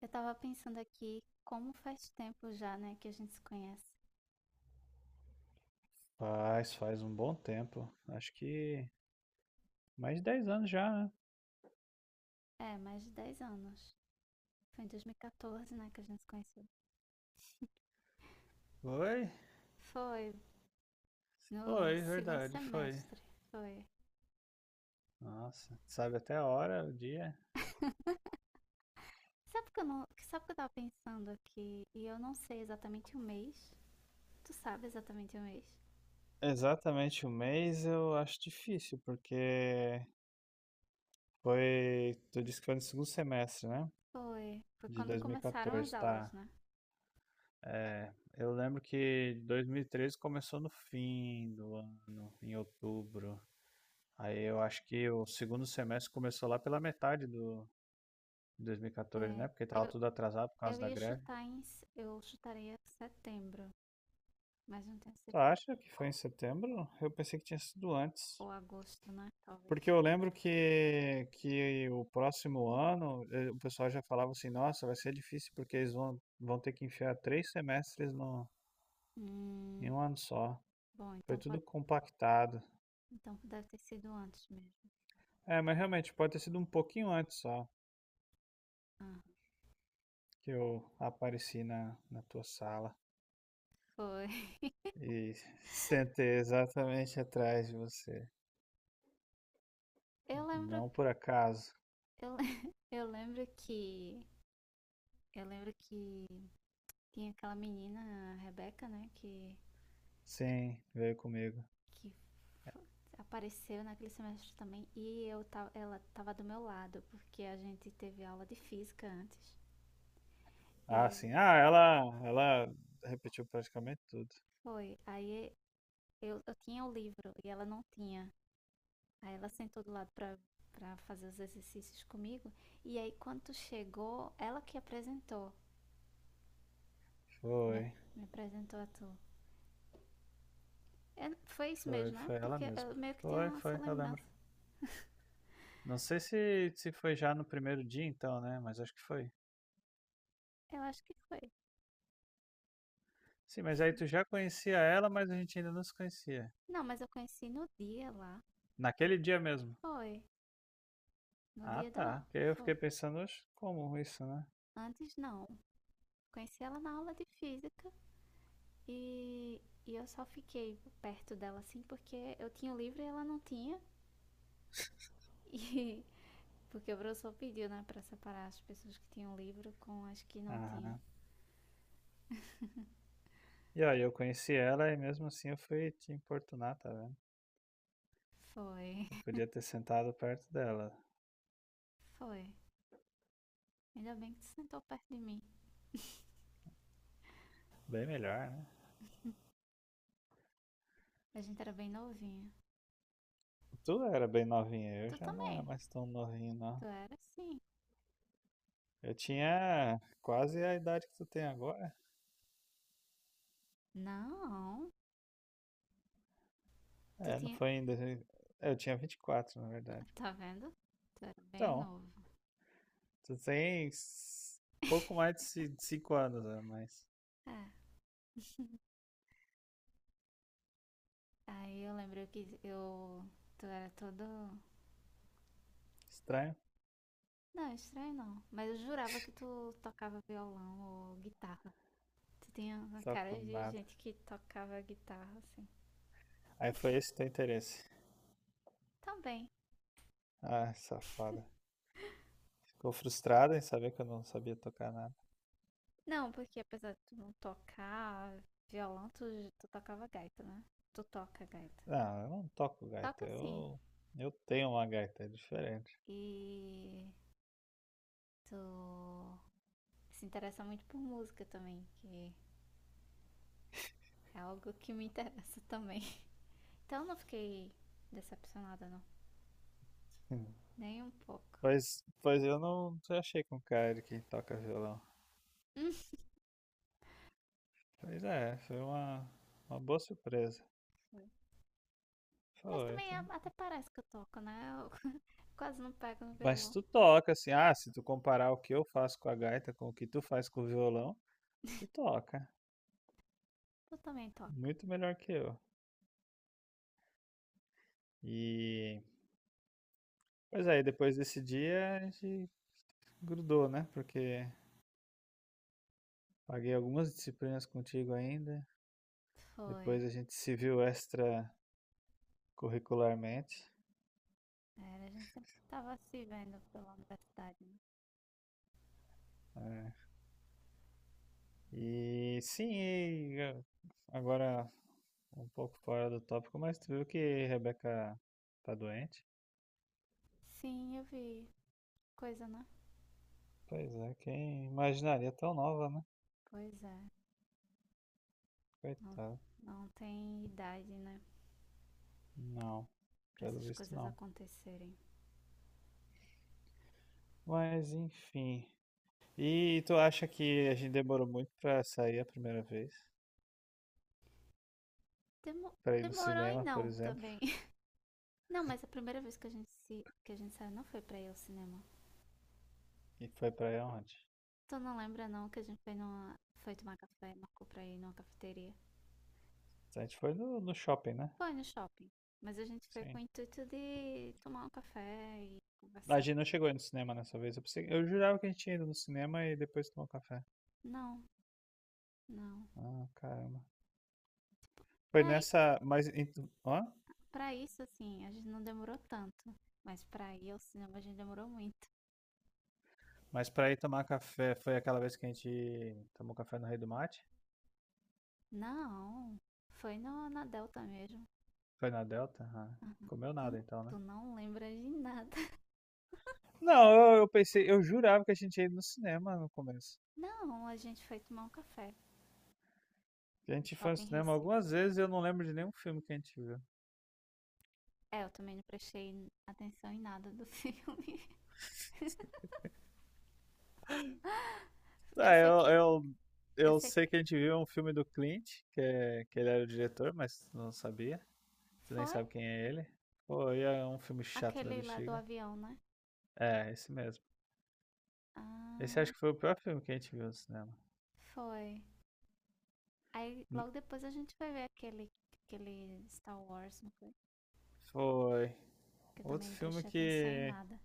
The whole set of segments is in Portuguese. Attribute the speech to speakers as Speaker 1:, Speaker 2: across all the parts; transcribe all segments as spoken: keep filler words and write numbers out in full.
Speaker 1: Eu tava pensando aqui como faz tempo já, né, que a gente se conhece.
Speaker 2: Faz, faz um bom tempo. Acho que mais de dez anos já, né?
Speaker 1: É, mais de dez anos. Foi em dois mil e quatorze, né, que a gente se conheceu.
Speaker 2: Foi?
Speaker 1: Foi no
Speaker 2: Foi,
Speaker 1: segundo
Speaker 2: verdade, foi.
Speaker 1: semestre. Foi.
Speaker 2: Nossa, sabe até a hora, o dia?
Speaker 1: Sabe que eu não, que- sabe que eu tava pensando aqui e eu não sei exatamente o mês. Tu sabe exatamente o mês?
Speaker 2: Exatamente o mês eu acho difícil, porque foi. Tu disse que foi no segundo semestre, né?
Speaker 1: Foi. Foi
Speaker 2: De
Speaker 1: quando começaram as
Speaker 2: dois mil e quatorze,
Speaker 1: aulas,
Speaker 2: tá.
Speaker 1: né?
Speaker 2: Eu lembro que dois mil e treze começou no fim do ano, em outubro. Aí eu acho que o segundo semestre começou lá pela metade do de dois mil e quatorze,
Speaker 1: É,
Speaker 2: né? Porque tava
Speaker 1: eu,
Speaker 2: tudo atrasado por causa
Speaker 1: eu
Speaker 2: da
Speaker 1: ia
Speaker 2: greve.
Speaker 1: chutar em, se- eu chutaria setembro, mas não tenho
Speaker 2: Tu
Speaker 1: certeza.
Speaker 2: acha que foi em setembro? Eu pensei que tinha sido antes.
Speaker 1: Ou agosto, né?
Speaker 2: Porque
Speaker 1: Talvez.
Speaker 2: eu lembro que, que o próximo ano eh, o pessoal já falava assim, nossa, vai ser difícil porque eles vão, vão ter que enfiar três semestres no, em
Speaker 1: Hum,
Speaker 2: um ano só.
Speaker 1: Bom,
Speaker 2: Foi
Speaker 1: então
Speaker 2: tudo
Speaker 1: pode
Speaker 2: compactado.
Speaker 1: Então, deve ter sido antes mesmo.
Speaker 2: É, mas realmente pode ter sido um pouquinho antes só
Speaker 1: Ah,
Speaker 2: que eu apareci na, na tua sala
Speaker 1: foi.
Speaker 2: e sentei exatamente atrás de você.
Speaker 1: Eu lembro,
Speaker 2: Não por acaso.
Speaker 1: eu, le- eu lembro que eu lembro que tinha aquela menina, a Rebeca, né, que
Speaker 2: Sim, veio comigo.
Speaker 1: que f- apareceu naquele semestre também e eu tava, ela tava do meu lado, porque a gente teve aula de física antes. E
Speaker 2: Ah, sim. Ah, ela, ela repetiu praticamente tudo.
Speaker 1: foi, aí eu, eu tinha o livro e ela não tinha. Aí ela sentou do lado pra para fazer os exercícios comigo. E aí, quando tu chegou, ela que apresentou. Me, ap-
Speaker 2: Foi,
Speaker 1: me apresentou a tu. É, foi isso
Speaker 2: foi,
Speaker 1: mesmo, né?
Speaker 2: foi ela
Speaker 1: Porque
Speaker 2: mesma.
Speaker 1: eu meio que
Speaker 2: Foi,
Speaker 1: tenho essa
Speaker 2: foi, eu lembro.
Speaker 1: lembrança.
Speaker 2: Não sei se, se foi já no primeiro dia então, né? Mas acho que foi.
Speaker 1: Eu acho que foi.
Speaker 2: Sim, mas aí tu já conhecia ela, mas a gente ainda não se conhecia.
Speaker 1: Não, mas eu conheci no dia lá.
Speaker 2: Naquele dia mesmo.
Speaker 1: Foi. No
Speaker 2: Ah,
Speaker 1: dia da
Speaker 2: tá.
Speaker 1: aula.
Speaker 2: Porque aí eu
Speaker 1: Foi.
Speaker 2: fiquei pensando, "Oxe, como isso, né?
Speaker 1: Antes não. Conheci ela na aula de física e, e eu só fiquei perto dela assim porque eu tinha o livro e ela não tinha. E porque o professor pediu, né, pra separar as pessoas que tinham livro com as que não tinham.
Speaker 2: Aham. E aí eu conheci ela e mesmo assim eu fui te importunar, tá vendo?
Speaker 1: Foi.
Speaker 2: Eu podia ter sentado perto dela.
Speaker 1: Foi. Ainda bem que tu sentou perto de mim.
Speaker 2: Bem melhor, né?
Speaker 1: A gente era bem novinha.
Speaker 2: Tu era bem novinha, eu
Speaker 1: Tu
Speaker 2: já não era
Speaker 1: também.
Speaker 2: mais tão novinho, não.
Speaker 1: Tu era assim.
Speaker 2: Eu tinha quase a idade que tu tem agora.
Speaker 1: Não. Tu
Speaker 2: É, não
Speaker 1: tinha.
Speaker 2: foi ainda. Eu tinha vinte e quatro, na verdade.
Speaker 1: Tá vendo? Tu era bem
Speaker 2: Então,
Speaker 1: novo.
Speaker 2: tu tem s- pouco mais de ci- de cinco anos a mais.
Speaker 1: É. Aí eu lembro que eu. Tu era todo.
Speaker 2: Estranho?
Speaker 1: Não, é estranho não. Mas eu jurava que tu tocava violão ou guitarra. Tu tinha uma
Speaker 2: Só
Speaker 1: cara
Speaker 2: com
Speaker 1: de
Speaker 2: nada.
Speaker 1: gente que tocava guitarra, assim.
Speaker 2: Aí foi esse teu interesse.
Speaker 1: Também.
Speaker 2: Ah, safada. Ficou frustrada em saber que eu não sabia tocar nada.
Speaker 1: Não, porque apesar de tu não tocar violão, tu, tu tocava gaita, né? Tu toca gaita.
Speaker 2: Não, eu não toco gaita.
Speaker 1: Toca sim.
Speaker 2: Eu, eu tenho uma gaita, é diferente.
Speaker 1: E tu se interessa muito por música também. Que É algo que me interessa também. Então não fiquei decepcionada, não. Nem um pouco.
Speaker 2: Pois, pois eu não te achei com cara de quem toca violão.
Speaker 1: Hum.
Speaker 2: Pois é, foi uma, uma boa surpresa.
Speaker 1: Mas
Speaker 2: Foi.
Speaker 1: também
Speaker 2: tu-
Speaker 1: até parece que eu toco, né? Eu quase não pego no
Speaker 2: Mas
Speaker 1: violão.
Speaker 2: tu toca, assim, ah, se tu comparar o que eu faço com a gaita com o que tu faz com o violão, tu toca.
Speaker 1: Tu também toca.
Speaker 2: Muito melhor que eu. E, pois aí, depois desse dia a gente grudou, né? Porque paguei algumas disciplinas contigo ainda.
Speaker 1: Foi.
Speaker 2: Depois a gente se viu extracurricularmente.
Speaker 1: Era, a gente sempre tava se vendo pela universidade, né?
Speaker 2: E sim, e eu- agora um pouco fora do tópico, mas tu viu que Rebeca tá doente?
Speaker 1: Sim, eu vi. Coisa, né?
Speaker 2: Pois é, quem imaginaria tão nova, né?
Speaker 1: Pois é. Não,
Speaker 2: Coitada.
Speaker 1: não tem idade, né?
Speaker 2: Não,
Speaker 1: Pra
Speaker 2: pelo
Speaker 1: essas
Speaker 2: visto
Speaker 1: coisas
Speaker 2: não.
Speaker 1: acontecerem.
Speaker 2: Mas enfim. E tu acha que a gente demorou muito pra sair a primeira vez?
Speaker 1: Demo-
Speaker 2: Pra ir no
Speaker 1: Demorou e
Speaker 2: cinema, por
Speaker 1: não
Speaker 2: exemplo?
Speaker 1: também. Não, mas a primeira vez que a gente se que a gente saiu não foi pra ir ao cinema.
Speaker 2: E foi pra onde?
Speaker 1: Tu não lembra não que a gente foi numa... foi tomar café, marcou pra ir numa cafeteria?
Speaker 2: A gente foi no, no shopping, né?
Speaker 1: Foi no shopping. Mas a gente foi com o
Speaker 2: Sim.
Speaker 1: intuito de tomar um café e
Speaker 2: A
Speaker 1: conversar.
Speaker 2: gente não chegou aí no cinema nessa vez. Eu, pensei- eu jurava que a gente tinha ido no cinema e depois tomou café.
Speaker 1: Não, não.
Speaker 2: Ah, caramba. Foi
Speaker 1: Pra, i-
Speaker 2: nessa. Mas, em- ó,
Speaker 1: pra isso, assim, a gente não demorou tanto. Mas pra ir ao cinema a gente demorou muito.
Speaker 2: mas pra ir tomar café, foi aquela vez que a gente tomou café no Rei do Mate?
Speaker 1: Não, foi no, na Delta mesmo.
Speaker 2: Foi na Delta? Ah, comeu
Speaker 1: Tu, não-
Speaker 2: nada então, né?
Speaker 1: tu não lembra de nada.
Speaker 2: Não, eu, eu pensei, eu jurava que a gente ia ir no cinema no começo.
Speaker 1: Não, a gente foi tomar um café
Speaker 2: Que a
Speaker 1: no
Speaker 2: gente foi no
Speaker 1: Shopping
Speaker 2: cinema
Speaker 1: Recife.
Speaker 2: algumas vezes e eu não lembro de nenhum filme que a gente viu.
Speaker 1: É, eu também não prestei atenção em nada do filme. Eu
Speaker 2: Tá,
Speaker 1: sei
Speaker 2: eu,
Speaker 1: que.
Speaker 2: eu,
Speaker 1: Eu
Speaker 2: eu
Speaker 1: sei
Speaker 2: sei
Speaker 1: que.
Speaker 2: que a gente viu um filme do Clint, que, é, que ele era o diretor, mas tu não sabia. Tu nem
Speaker 1: Foi?
Speaker 2: sabe quem é ele. Pô, e é um filme chato da
Speaker 1: Aquele lá do
Speaker 2: bexiga.
Speaker 1: avião, né?
Speaker 2: É, esse mesmo. Esse
Speaker 1: Ah,
Speaker 2: acho que foi o pior filme que a gente viu no cinema.
Speaker 1: foi. Aí
Speaker 2: N-
Speaker 1: logo depois a gente vai ver aquele, aquele Star Wars, não foi?
Speaker 2: Foi.
Speaker 1: Que eu também
Speaker 2: Outro
Speaker 1: não
Speaker 2: filme
Speaker 1: prestei atenção em
Speaker 2: que.
Speaker 1: nada.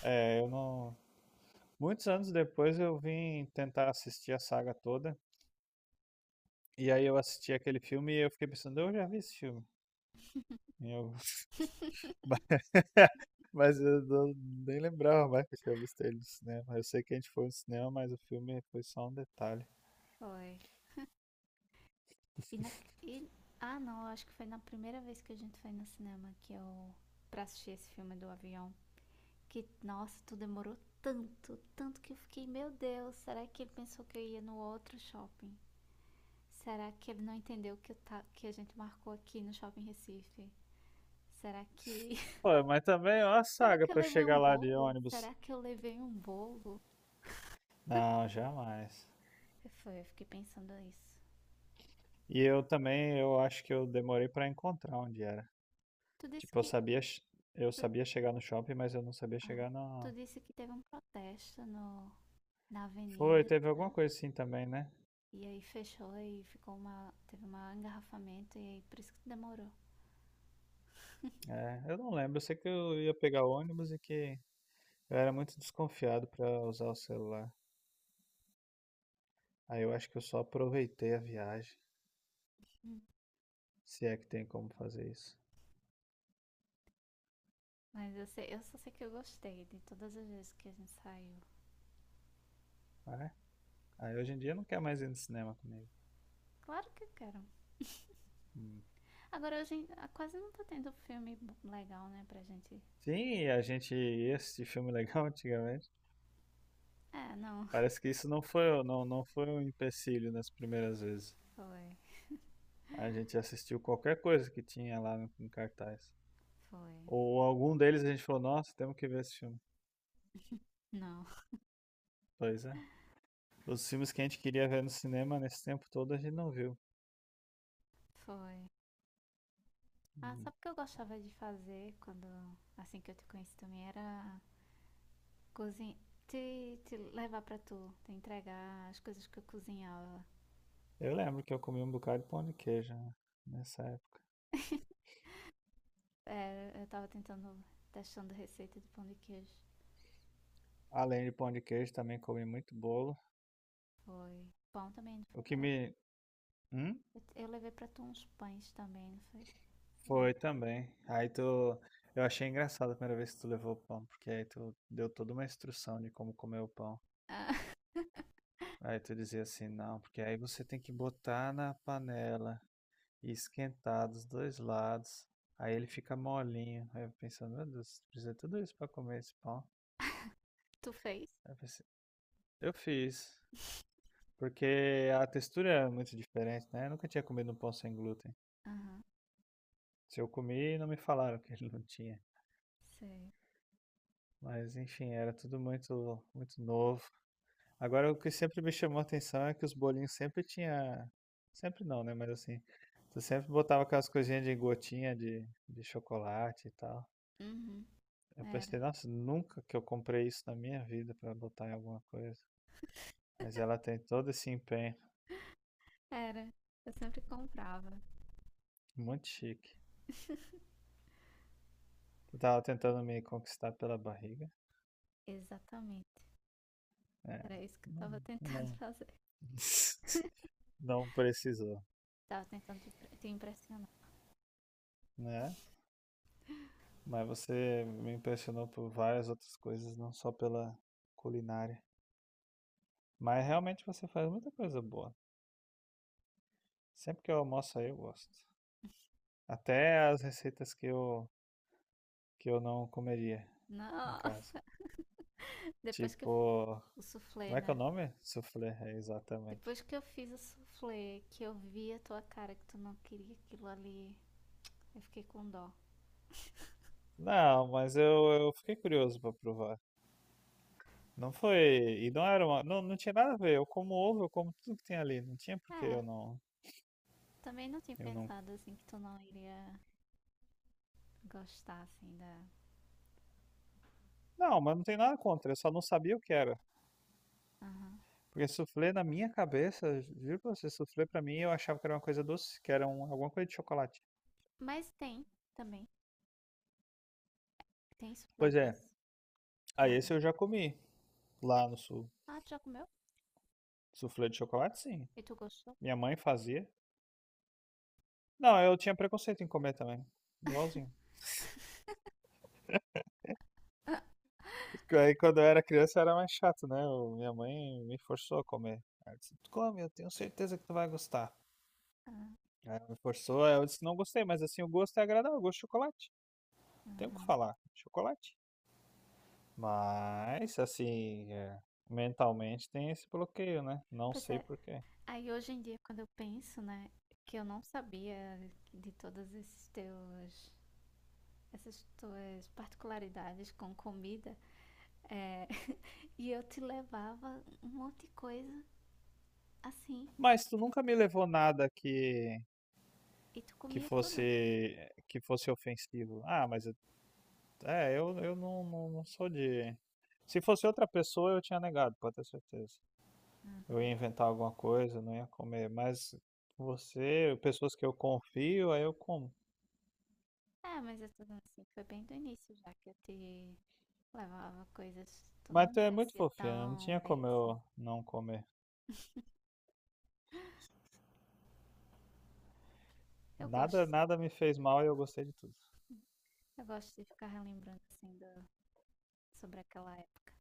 Speaker 2: É, eu não. Muitos anos depois eu vim tentar assistir a saga toda. E aí eu assisti aquele filme e eu fiquei pensando, eu já vi esse filme. E eu- ba- Mas eu não- nem lembrava mais que eu tinha visto ele no cinema. Eu sei que a gente foi no cinema, mas o filme foi só um detalhe.
Speaker 1: Foi. E na. E, ah, não, eu acho que foi na primeira vez que a gente foi no cinema que eu. Pra assistir esse filme do avião. Que, nossa, tu demorou tanto, tanto que eu fiquei, meu Deus, será que ele pensou que eu ia no outro shopping? Será que ele não entendeu que, eu ta- que a gente marcou aqui no Shopping Recife? Será que
Speaker 2: Pô, mas também é uma
Speaker 1: Será
Speaker 2: saga
Speaker 1: que eu
Speaker 2: pra
Speaker 1: levei um
Speaker 2: chegar lá de
Speaker 1: bolo?
Speaker 2: ônibus.
Speaker 1: Será que eu levei um bolo?
Speaker 2: Não, jamais.
Speaker 1: E Foi, eu fiquei pensando isso.
Speaker 2: E eu também, eu acho que eu demorei pra encontrar onde era.
Speaker 1: Tu disse
Speaker 2: Tipo, eu
Speaker 1: que.
Speaker 2: sabia, che- eu
Speaker 1: Tu,
Speaker 2: sabia chegar no shopping, mas eu não sabia
Speaker 1: ah,
Speaker 2: chegar na...
Speaker 1: tu disse que teve um protesto no, na
Speaker 2: Foi,
Speaker 1: avenida.
Speaker 2: teve alguma coisa assim também, né?
Speaker 1: E aí fechou e ficou uma. Teve um engarrafamento e aí por isso que tu demorou.
Speaker 2: É, eu não lembro, eu sei que eu ia pegar o ônibus e que... Eu era muito desconfiado para usar o celular. Aí eu acho que eu só aproveitei a viagem,
Speaker 1: Hum.
Speaker 2: se é que tem como fazer isso.
Speaker 1: Mas eu sei, eu só sei que eu gostei de todas as vezes que a gente saiu.
Speaker 2: Ah, aí hoje em dia não quer mais ir no cinema comigo.
Speaker 1: Claro que eu quero.
Speaker 2: Hum.
Speaker 1: Agora hoje em- ah, quase não tá tendo filme bo- legal, né, pra gente.
Speaker 2: Sim, a gente ia assistir filme legal antigamente.
Speaker 1: É, não.
Speaker 2: Parece que isso não foi, o- não, não foi um empecilho nas primeiras vezes.
Speaker 1: Foi.
Speaker 2: A gente assistiu qualquer coisa que tinha lá no, em cartaz.
Speaker 1: Foi.
Speaker 2: Ou algum deles a gente falou, nossa, temos que ver esse filme.
Speaker 1: Não.
Speaker 2: Pois é. Os filmes que a gente queria ver no cinema nesse tempo todo a gente não viu.
Speaker 1: Foi. Ah,
Speaker 2: Hum.
Speaker 1: sabe o que eu gostava de fazer quando, assim que eu te conheci também, era cozinhar, te, te levar pra tu, te entregar as coisas que eu cozinhava.
Speaker 2: Eu lembro que eu comi um bocado de pão de queijo né, nessa época.
Speaker 1: É, eu tava tentando, testando receita de pão de queijo.
Speaker 2: Além de pão de queijo, também comi muito bolo.
Speaker 1: Foi. Pão também, não
Speaker 2: O
Speaker 1: foi?
Speaker 2: que
Speaker 1: Eu,
Speaker 2: me. Hum?
Speaker 1: eu, eu levei pra tu uns pães também, não foi? Eu
Speaker 2: Foi
Speaker 1: lembro.
Speaker 2: também. Aí tu. Eu achei engraçado a primeira vez que tu levou o pão, porque aí tu deu toda uma instrução de como comer o pão.
Speaker 1: Ah,
Speaker 2: Aí tu dizia assim, não, porque aí você tem que botar na panela e esquentar dos dois lados. Aí ele fica molinho. Aí eu pensando, meu Deus, precisa de tudo isso pra comer esse pão.
Speaker 1: tu fez?
Speaker 2: Aí eu pensei, eu fiz. Porque a textura é muito diferente, né? Eu nunca tinha comido um pão sem glúten.
Speaker 1: Aham,
Speaker 2: Se eu comi, não me falaram que ele não tinha.
Speaker 1: sei.
Speaker 2: Mas enfim, era tudo muito, muito novo. Agora, o que sempre me chamou a atenção é que os bolinhos sempre tinha, sempre não, né? Mas assim, tu sempre botava aquelas coisinhas de gotinha de, de chocolate e tal.
Speaker 1: Uhum,
Speaker 2: Eu
Speaker 1: era.
Speaker 2: pensei, nossa, nunca que eu comprei isso na minha vida pra botar em alguma coisa. Mas ela tem todo esse empenho,
Speaker 1: Era. Eu sempre comprava.
Speaker 2: muito chique. Tu tava tentando me conquistar pela barriga?
Speaker 1: Exatamente.
Speaker 2: É,
Speaker 1: Era isso que eu tava
Speaker 2: não,
Speaker 1: tentando
Speaker 2: não,
Speaker 1: fazer.
Speaker 2: não precisou,
Speaker 1: Tava tentando te te impressionar.
Speaker 2: né? Mas você me impressionou por várias outras coisas, não só pela culinária. Mas realmente você faz muita coisa boa. Sempre que eu almoço aí, eu gosto. Até as receitas que eu, que eu não comeria em casa.
Speaker 1: Nossa, depois que eu fiz
Speaker 2: Tipo,
Speaker 1: o soufflé,
Speaker 2: como é que é o
Speaker 1: né?
Speaker 2: nome? Soufflé, é, exatamente.
Speaker 1: Depois que eu fiz o soufflé, que eu vi a tua cara que tu não queria aquilo ali, eu fiquei com dó.
Speaker 2: Não, mas eu, eu fiquei curioso pra provar. Não foi. E não era uma. Não, não tinha nada a ver. Eu como ovo, eu como tudo que tem ali. Não tinha por que
Speaker 1: É,
Speaker 2: eu não,
Speaker 1: também não tinha
Speaker 2: Eu não.
Speaker 1: pensado assim que tu não iria gostar assim da.
Speaker 2: Não, mas não tem nada contra, eu só não sabia o que era.
Speaker 1: Aham.
Speaker 2: Porque soufflé na minha cabeça, juro pra você, soufflé pra mim eu achava que era uma coisa doce, que era um, alguma coisa de chocolate.
Speaker 1: Mas tem também. Tem soufflé
Speaker 2: Pois é,
Speaker 1: doce.
Speaker 2: aí esse
Speaker 1: Aham.
Speaker 2: eu já comi lá no sul.
Speaker 1: Ah, tu já comeu?
Speaker 2: Soufflé de chocolate, sim.
Speaker 1: E tu gostou?
Speaker 2: Minha mãe fazia. Não, eu tinha preconceito em comer também. Igualzinho.
Speaker 1: Ah,
Speaker 2: Aí quando eu era criança era mais chato, né? Eu- minha mãe me forçou a comer. Ela disse, come, eu tenho certeza que tu vai gostar.
Speaker 1: ah,
Speaker 2: Aí ela me forçou, aí eu disse, não gostei, mas assim, o gosto é agradável, o gosto de chocolate. Tem o que
Speaker 1: aham.
Speaker 2: falar, chocolate. Mas, assim, é, mentalmente tem esse bloqueio, né? Não
Speaker 1: Pois
Speaker 2: sei
Speaker 1: é.
Speaker 2: por quê.
Speaker 1: Aí hoje em dia, quando eu penso, né, que eu não sabia de todos esses teus essas tuas particularidades com comida. é, e eu te levava um monte de coisa assim
Speaker 2: Mas tu nunca me levou nada que,
Speaker 1: e tu
Speaker 2: que
Speaker 1: comia
Speaker 2: fosse
Speaker 1: tudo.
Speaker 2: eh, que fosse ofensivo. Ah, mas eu- é, eu, eu não, não, não sou de. Se fosse outra pessoa, eu tinha negado, pode ter certeza. Eu
Speaker 1: Uhum.
Speaker 2: ia inventar alguma coisa, não ia comer. Mas você, pessoas que eu confio, aí eu como.
Speaker 1: É, mas é tudo assim, foi bem do início já que eu te levava coisas, tu não
Speaker 2: Mas tu
Speaker 1: me
Speaker 2: é muito
Speaker 1: conhecia
Speaker 2: fofinha, não
Speaker 1: tão
Speaker 2: tinha
Speaker 1: bem
Speaker 2: como
Speaker 1: assim.
Speaker 2: eu não comer.
Speaker 1: Eu
Speaker 2: Nada,
Speaker 1: gosto,
Speaker 2: nada me fez mal e eu gostei de tudo.
Speaker 1: eu gosto de ficar relembrando assim do- sobre aquela época.